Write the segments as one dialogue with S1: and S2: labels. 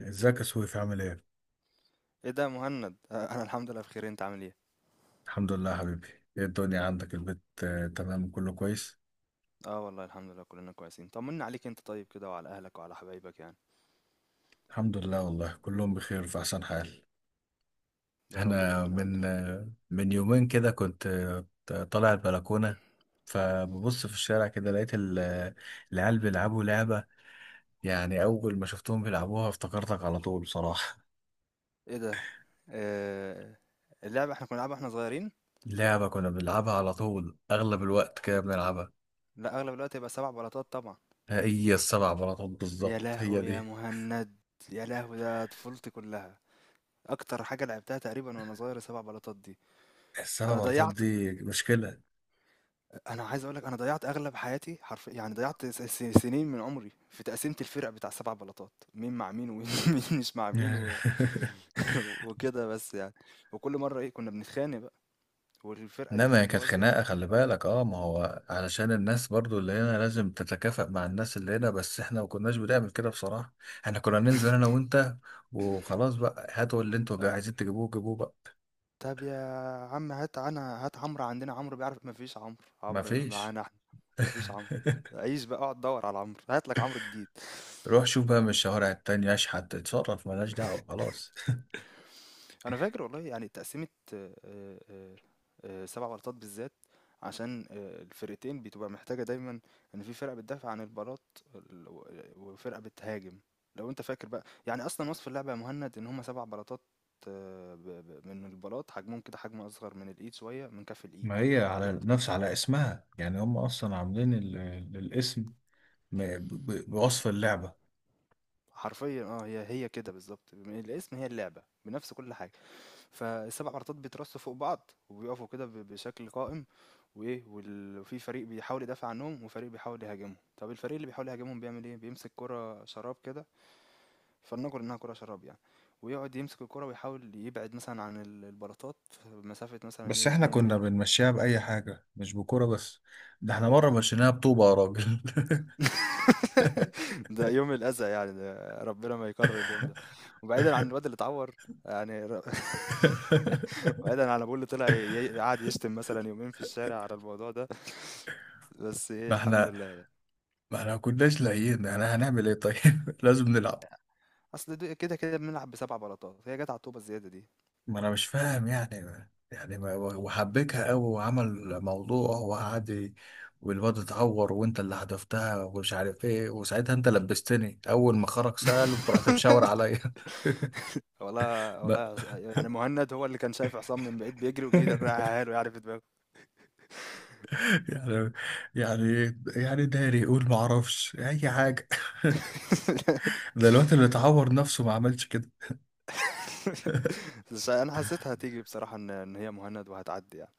S1: ازيك يا سويف عامل ايه؟
S2: ايه ده يا مهند؟ انا الحمد لله بخير. انت عامل ايه؟
S1: الحمد لله يا حبيبي. ايه الدنيا عندك البيت تمام كله كويس؟
S2: اه، والله الحمد لله كلنا كويسين. طمنا عليك انت طيب كده وعلى اهلك وعلى حبايبك يعني.
S1: الحمد لله والله كلهم بخير في احسن حال.
S2: يا رب
S1: انا
S2: دايما. اهو انت.
S1: من من يومين كده كنت طالع البلكونة، فببص في الشارع كده لقيت العيال بيلعبوا لعبة. يعني اول ما شفتهم بيلعبوها افتكرتك على طول بصراحة.
S2: ايه ده؟ آه اللعبه احنا كنا بنلعبها واحنا صغيرين.
S1: لعبة كنا بنلعبها على طول، اغلب الوقت كده بنلعبها.
S2: لا، اغلب الوقت يبقى سبع بلاطات طبعا.
S1: هي السبع بلاطات
S2: يا
S1: بالظبط، هي
S2: لهوي يا
S1: دي
S2: مهند! يا لهوي، ده طفولتي كلها. اكتر حاجه لعبتها تقريبا وانا صغير سبع بلاطات دي.
S1: السبع
S2: انا
S1: بلاطات.
S2: ضيعت
S1: دي مشكلة.
S2: أنا عايز أقول لك أنا ضيّعت أغلب حياتي حرف يعني، ضيّعت س س سنين من عمري في تقسيمة الفرق بتاع ال7 بلاطات، مين مع مين ومين مين مش مع مين و وكده بس يعني، وكل مرّة إيه كنا بنتخانق بقى. والفرقة دي
S1: انما
S2: مش
S1: هي كانت
S2: متوازية.
S1: خناقه، خلي بالك. اه، ما هو علشان الناس برضو اللي هنا لازم تتكافئ مع الناس اللي هنا، بس احنا ما كناش بنعمل كده بصراحه. احنا كنا ننزل انا وانت، وخلاص بقى، هاتوا اللي انتوا
S2: أ
S1: عايزين تجيبوه جيبوه بقى.
S2: طب يا عم، هات أنا، هات عمرو. عندنا عمرو بيعرف. ما فيش عمرو،
S1: ما
S2: عمرو
S1: فيش.
S2: معانا إحنا. ما فيش عمرو، عيش بقى، اقعد دوّر على عمرو، هات لك عمرو جديد.
S1: روح شوف بقى من الشوارع التانية، اشحت، اتصرف، ملهاش دعوة خلاص.
S2: انا فاكر والله يعني تقسيمه. آه، آه، آه، سبع بلاطات بالذات. عشان الفرقتين بتبقى محتاجه دايما ان في فرقه بتدافع عن البلاط وفرقه بتهاجم. لو انت فاكر بقى يعني اصلا وصف اللعبه يا مهند ان هما سبع بلاطات. من البلاط حجمهم كده حجم اصغر من الايد شويه من كف الايد.
S1: ما هي على
S2: وبت-
S1: نفس، على اسمها يعني، هم اصلا عاملين الاسم بوصف اللعبة.
S2: حرفيا اه، هي هي كده بالظبط. من الاسم هي اللعبه بنفس كل حاجه. فالسبع عرضات بيترصوا فوق بعض وبيقفوا كده بشكل قائم. وايه، وفي فريق بيحاول يدافع عنهم وفريق بيحاول يهاجمهم. طب الفريق اللي بيحاول يهاجمهم بيعمل ايه؟ بيمسك كرة شراب كده. فلنقل انها كرة شراب يعني. ويقعد يمسك الكرة ويحاول يبعد مثلا عن البلاطات مسافة مثلا
S1: بس
S2: ايه
S1: احنا
S2: 2
S1: كنا
S2: متر.
S1: بنمشيها بأي حاجة، مش بكورة بس. ده احنا
S2: اه
S1: مرة
S2: يعني.
S1: مشيناها بطوبة يا راجل.
S2: ده يوم الأذى يعني، ده ربنا ما يكرر اليوم ده. وبعيدًا عن الواد اللي اتعور، يعني بعيدًا عن ابوه اللي طلع قعد يشتم مثلًا يومين في الشارع على الموضوع ده. بس إيه
S1: ما
S2: الحمد
S1: احنا،
S2: لله يعني.
S1: ما كناش لاقيين، احنا هنعمل ايه طيب؟ لازم نلعب.
S2: أصل كده، كده بنلعب ب7 بلاطات، هي جات على الطوبة الزيادة دي.
S1: ما انا مش فاهم يعني، يعني ما وحبكها قوي وعمل موضوع وقعد والواد اتعور وانت اللي حدفتها ومش عارف ايه، وساعتها انت لبستني. اول ما خرج سأل قمت رحت مشاور عليا.
S2: والله
S1: ما-
S2: والله، يعني مهند هو اللي كان شايف عصام من بعيد بيجري وجه رقّعها له يعني في دماغه.
S1: يعني، يعني داري يقول ما اعرفش اي حاجة. ده الوقت اللي اتعور نفسه ما عملش كده.
S2: بس أنا حسيتها هتيجي بصراحة إن هي مهند وهتعدي يعني.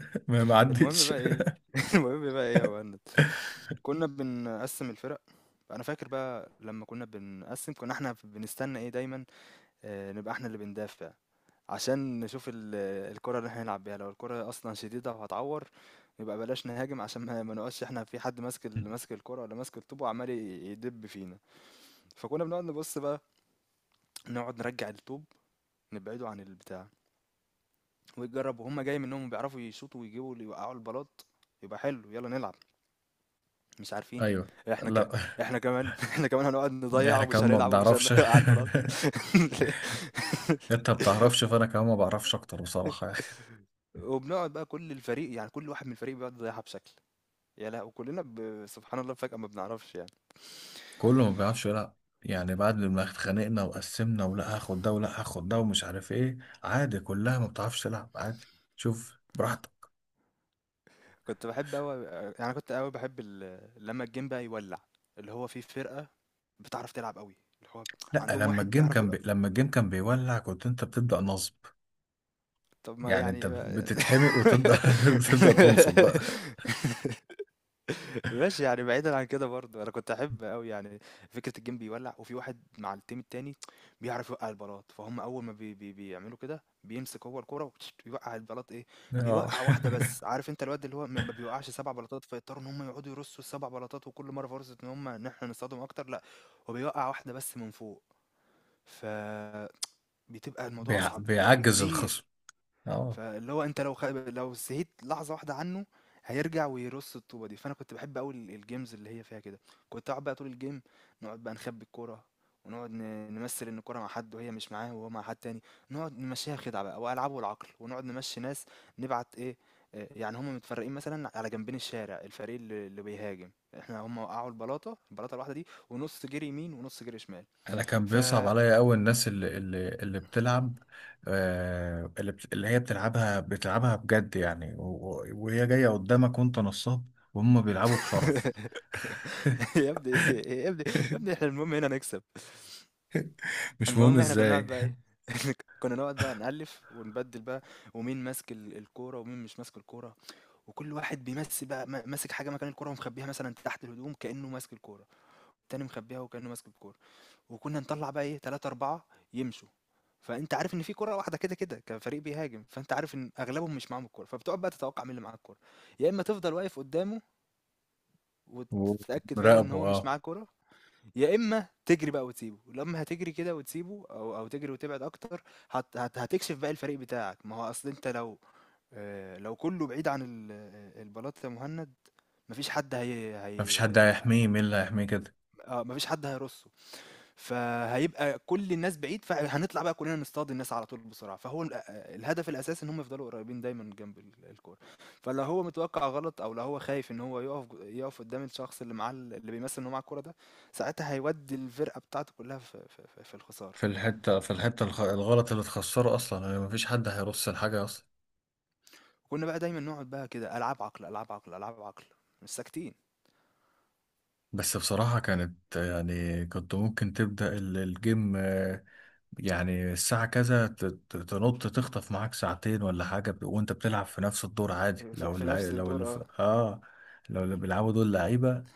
S1: ما ما
S2: المهم
S1: عدتش.
S2: بقى إيه. المهم بقى إيه يا مهند. كنا بنقسم الفرق. انا فاكر بقى. لما كنا بنقسم كنا احنا بنستنى ايه دايما؟ نبقى احنا اللي بندافع عشان نشوف الكرة اللي احنا هنلعب بيها. لو الكرة اصلا شديدة وهتعور يبقى بلاش نهاجم عشان ما نقعدش احنا في حد ماسك ماسك الكرة ولا ماسك الطوب وعمال يدب فينا. فكنا بنقعد نبص بقى. نقعد نرجع الطوب، نبعده عن البتاع. ويجرب وهم جاي منهم بيعرفوا يشوطوا ويجيبوا اللي يوقعوا البلاط يبقى حلو، يلا نلعب. مش عارفين.
S1: ايوه.
S2: إحنا ك
S1: لا،
S2: إحنا كمان إحنا كمان هنقعد نضيّع
S1: احنا
S2: ومش
S1: كمان ما
S2: هنلعب ومش
S1: بنعرفش.
S2: على البلاط.
S1: انت ما بتعرفش، فانا كمان ما بعرفش اكتر بصراحه.
S2: وبنقعد بقى كل الفريق، يعني كل واحد من الفريق بيقعد يضيّعها بشكل، يا لهو! كلّنا سبحان الله فجأة ما بنعرفش يعني.
S1: كله ما بيعرفش يلعب. يعني بعد ما اتخانقنا وقسمنا ولا هاخد ده ولا هاخد ده ومش عارف ايه، عادي، كلها ما بتعرفش تلعب عادي. شوف براحتك.
S2: كنت باحب أوي يعني، أنا كنت أوي باحب لمّا الجيم بقى يولّع، اللي هو في فرقة بتعرف تلعب أوي، اللي هو
S1: لا،
S2: عندهم
S1: لما
S2: واحد
S1: الجيم
S2: بيعرف
S1: كان بي... لما الجيم كان بيولع كنت انت بتبدا نصب.
S2: طب ما
S1: يعني انت
S2: يعني.
S1: بتتحمق وتبدا بتبدا تنصب بقى.
S2: ماشي يعني، بعيدا عن كده برضه انا كنت احب قوي يعني فكره الجيم بيولع وفي واحد مع التيم التاني بيعرف يوقع البلاط. فهم اول ما بي بي بيعملوا كده بيمسك هو الكوره ويوقع البلاط ايه، بيوقع واحده
S1: اه.
S2: بس. عارف انت الواد اللي هو ما بيوقعش سبع بلاطات فيضطروا ان هم يقعدوا يرصوا السبع بلاطات وكل مره فرصه ان احنا نصطدم اكتر. لا، هو بيوقع واحده بس من فوق. فبتبقى الموضوع
S1: بيع...
S2: اصعب
S1: بيعجز
S2: بكتير.
S1: الخصم. اه.
S2: فاللي هو أنت لو لو سهيت لحظة واحدة عنه هيرجع ويرص الطوبة دي. فأنا كنت بحب أوي الجيمز اللي هي فيها كده. كنت أقعد بقى طول الجيم نقعد بقى نخبي الكورة، ونقعد نمثل إن الكورة مع حد وهي مش معاه وهو مع حد تاني. نقعد نمشيها خدعة بقى وألعبه العقل ونقعد نمشي ناس. نبعت إيه، يعني هما متفرقين مثلا على جنبين الشارع. الفريق اللي بيهاجم احنا، هما وقعوا البلاطة البلاطة الواحدة دي ونص جري يمين ونص جري شمال.
S1: انا كان
S2: ف
S1: بيصعب عليا قوي الناس اللي بتلعب، اللي بت- اللي هي بتلعبها بتلعبها بجد يعني، وهي جايه قدامك وانت نصاب، وهم بيلعبوا بشرف.
S2: يا ابني، يا ابني، يا ابني احنا المهم هنا نكسب.
S1: مش مهم
S2: المهم احنا كنا نقعد
S1: ازاي.
S2: بقى ايه، كنا نقعد بقى نألف ونبدل بقى ومين ماسك الكورة ومين مش ماسك الكورة. وكل واحد بيمسك بقى ماسك حاجة مكان الكورة ومخبيها مثلا تحت الهدوم كأنه ماسك الكورة، والتاني مخبيها وكأنه ماسك الكورة. وكنا نطلع بقى ايه، تلاتة أربعة يمشوا. فأنت عارف إن في كورة واحدة كده كده كفريق بيهاجم، فأنت عارف إن أغلبهم مش معاهم الكورة. فبتقعد بقى تتوقع مين اللي معاه الكورة. يا إما تفضل واقف قدامه وتتأكد فعلا إن
S1: ومراقبه
S2: هو مش
S1: اه.
S2: معاه كورة، يا اما تجري بقى وتسيبه. لما هتجري كده وتسيبه او تجري وتبعد اكتر، هت هت هتكشف بقى الفريق بتاعك. ما هو اصل انت لو، لو كله بعيد عن البلاط يا مهند، مفيش حد. هي
S1: مفيش
S2: هي،
S1: حد هيحميه، مين اللي هيحميه كده؟
S2: اه، مفيش حد هيرصه. فهيبقى كل الناس بعيد، فهنطلع بقى كلنا نصطاد الناس على طول بسرعة. فهو الهدف الأساسي إن هم يفضلوا قريبين دايما جنب الكورة. فلو هو متوقع غلط، أو لو هو خايف إن هو يقف يقف قدام الشخص اللي معاه اللي بيمثل إن هو معاه الكورة ده، ساعتها هيودي الفرقة بتاعته كلها في الخسارة.
S1: في الحته، الخ- الغلط اللي تخسره اصلا يعني، مفيش حد هيرص الحاجه اصلا.
S2: كنا بقى دايما نقعد بقى كده، ألعاب عقل ألعاب عقل ألعاب عقل، مش ساكتين.
S1: بس بصراحه كانت يعني، كنت ممكن تبدا الجيم يعني الساعة كذا تنط تخطف معاك ساعتين ولا حاجة، وانت بتلعب في نفس الدور عادي.
S2: في,
S1: لو
S2: في
S1: اللع...
S2: نفس
S1: لو اللي
S2: الدور اه.
S1: في... اه، لو اللي بيلعبوا دول لعيبة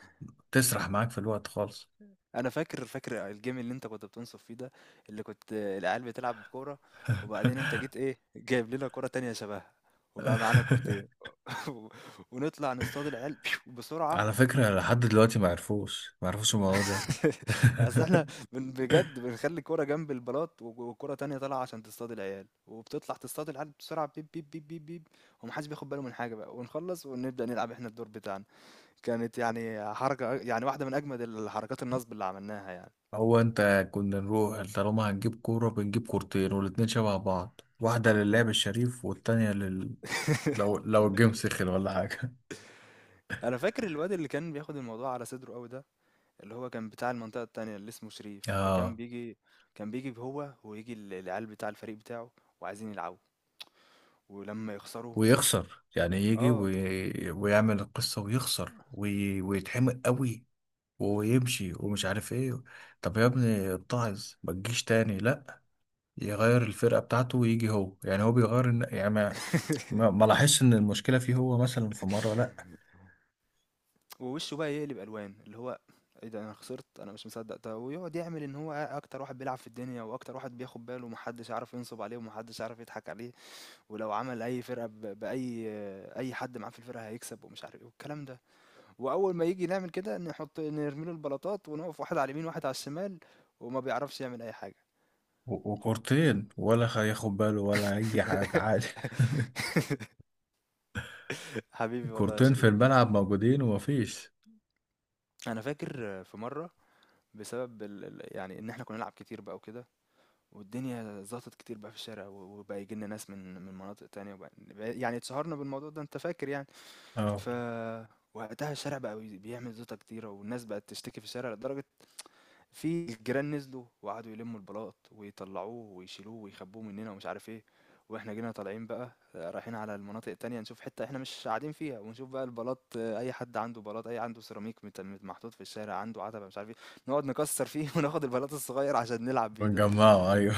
S1: تسرح معاك في الوقت خالص.
S2: أنا فاكر الجيم اللي أنت كنت بتنصف فيه ده، اللي كنت العيال بتلعب كورة وبعدين أنت جيت إيه، جايب لنا كورة تانية شبهها، وبقى معانا كورتين. و- ونطلع نصطاد العيال بسرعة.
S1: على فكرة لحد دلوقتي ما عرفوش، الموضوع ده.
S2: أصل إحنا بجد بنخلّي كورة جنب البلاط و وكورة تانية طالعة عشان تصطاد العيال، وبتطلع تصطاد العيال بسرعة بيب، بيب، بيب، بيب، بيب، وما حدش بياخد باله من حاجة بقى، ونخلّص ونبدأ نلعب إحنا الدور بتاعنا. كانت يعني حركة، يعني واحدة من أجمد الحركات النصب اللي عملناها يعني.
S1: هو انت كنا نروح طالما هنجيب كورة بنجيب كورتين، والاتنين شبه بعض، واحدة للعب الشريف والتانية لل... لو لو الجيم سخن ولا حاجة.
S2: انا فاكر الواد اللي كان بياخد الموضوع على صدره قوي ده، اللي هو كان بتاع المنطقه التانية اللي اسمه شريف، فكان
S1: اه،
S2: بيجي. كان بيجي هو ويجي العيال بتاع الفريق بتاعه وعايزين يلعبوا، ولما يخسروا
S1: ويخسر يعني، يجي
S2: اه.
S1: وي... ويعمل القصة ويخسر وي... ويتحمق قوي ويمشي ومش عارف ايه. طب يا ابني اتعظ، ما تجيش تاني. لا، يغير الفرقة بتاعته ويجي هو، يعني هو بيغير الن- يعني ما، ما لاحظش ان المشكلة فيه هو. مثلا في مرة لا،
S2: ووشه بقى يقلب الوان، اللي هو ايه ده، انا خسرت! انا مش مصدق ده! ويقعد يعمل ان هو اكتر واحد بيلعب في الدنيا واكتر واحد بياخد باله ومحدش عارف ينصب عليه ومحدش عارف يضحك عليه، ولو عمل اي فرقه باي اي حد معاه في الفرقه هيكسب ومش عارف ايه والكلام ده. واول ما يجي نعمل كده، نحط نرمي له البلاطات ونقف واحد على اليمين واحد على الشمال، وما بيعرفش يعمل اي حاجه.
S1: و... وكورتين ولا هياخد باله ولا اي حاجة عادي.
S2: حبيبي والله يا
S1: كورتين في
S2: شريف.
S1: الملعب موجودين ومفيش.
S2: انا فاكر في مره، بسبب يعني ان احنا كنا نلعب كتير بقى وكده، والدنيا زاطت كتير بقى في الشارع، وبقى يجي لنا ناس من مناطق تانية، وبقى يعني اتشهرنا بالموضوع ده انت فاكر يعني.
S1: اه،
S2: ف وقتها الشارع بقى بيعمل زيطة كتيرة والناس بقت تشتكي في الشارع، لدرجة في الجيران نزلوا وقعدوا يلموا البلاط ويطلعوه ويشيلوه ويخبوه مننا ومش عارف ايه. واحنا جينا طالعين بقى، رايحين على المناطق التانية نشوف حتة احنا مش قاعدين فيها ونشوف بقى البلاط، اي حد عنده بلاط، اي عنده سيراميك محطوط في الشارع، عنده عتبة مش عارف ايه، نقعد نكسر فيه وناخد البلاط الصغير عشان نلعب بيه ده.
S1: بنجمعه ايوه.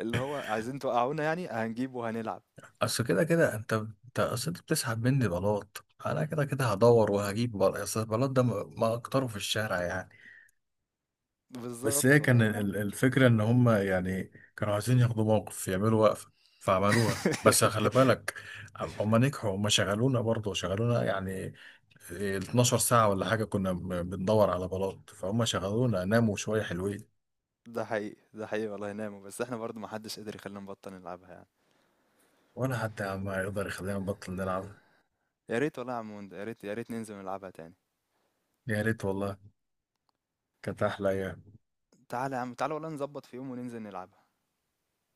S2: اللي هو عايزين توقعونا يعني؟ هنجيبه وهنلعب.
S1: اصل كده كده انت، اصل انت بتسحب مني بلاط، انا كده كده هدور وهجيب بل... اصل البلاط ده ما ما اكتره في الشارع يعني. بس هي
S2: بالظبط
S1: كان
S2: والله
S1: الفكره ان هم يعني، كانوا عايزين ياخدوا موقف، يعملوا وقفه، فعملوها. بس خلي بالك، هم نجحوا، هم شغلونا برضه، شغلونا يعني 12 ساعه ولا حاجه كنا بندور على بلاط، فهم شغلونا، ناموا شويه حلوين.
S2: ده حقيقي، ده حقيقي والله نعمة، بس احنا برضو محدش قدر يخلينا نبطل نلعبها يعني.
S1: ولا حتى يا عم يقدر يخلينا نبطل نلعب.
S2: يا ريت والله يا عم هند، يا ريت يا ريت ننزل نلعبها تاني.
S1: يا ريت والله. كانت احلى أيام.
S2: تعالَ يا عم، تعالَ والله نضبّط في يوم وننزل نلعبها.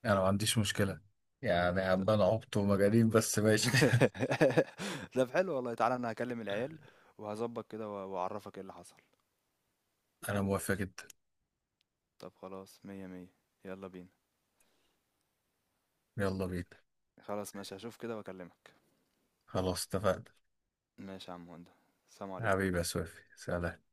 S1: انا ما عنديش مشكلة، يعني عمال عبط ومجانين، بس ماشي.
S2: ت طب حلو والله، تعالَ أنا هاكلم العيال وهاضبّط كده و وأعرّفك إيه اللي حصل.
S1: انا موافق جدا.
S2: طب خلاص، مِيّة، مِيّة، يالّا بينا.
S1: يلا بينا.
S2: خلاص ماشي، هاشوف كده وأكلمك.
S1: خلاص اتفقنا.
S2: ماشي يا عم هُندة، سلام عليكم.
S1: حبيبي يا سويفي، سلام.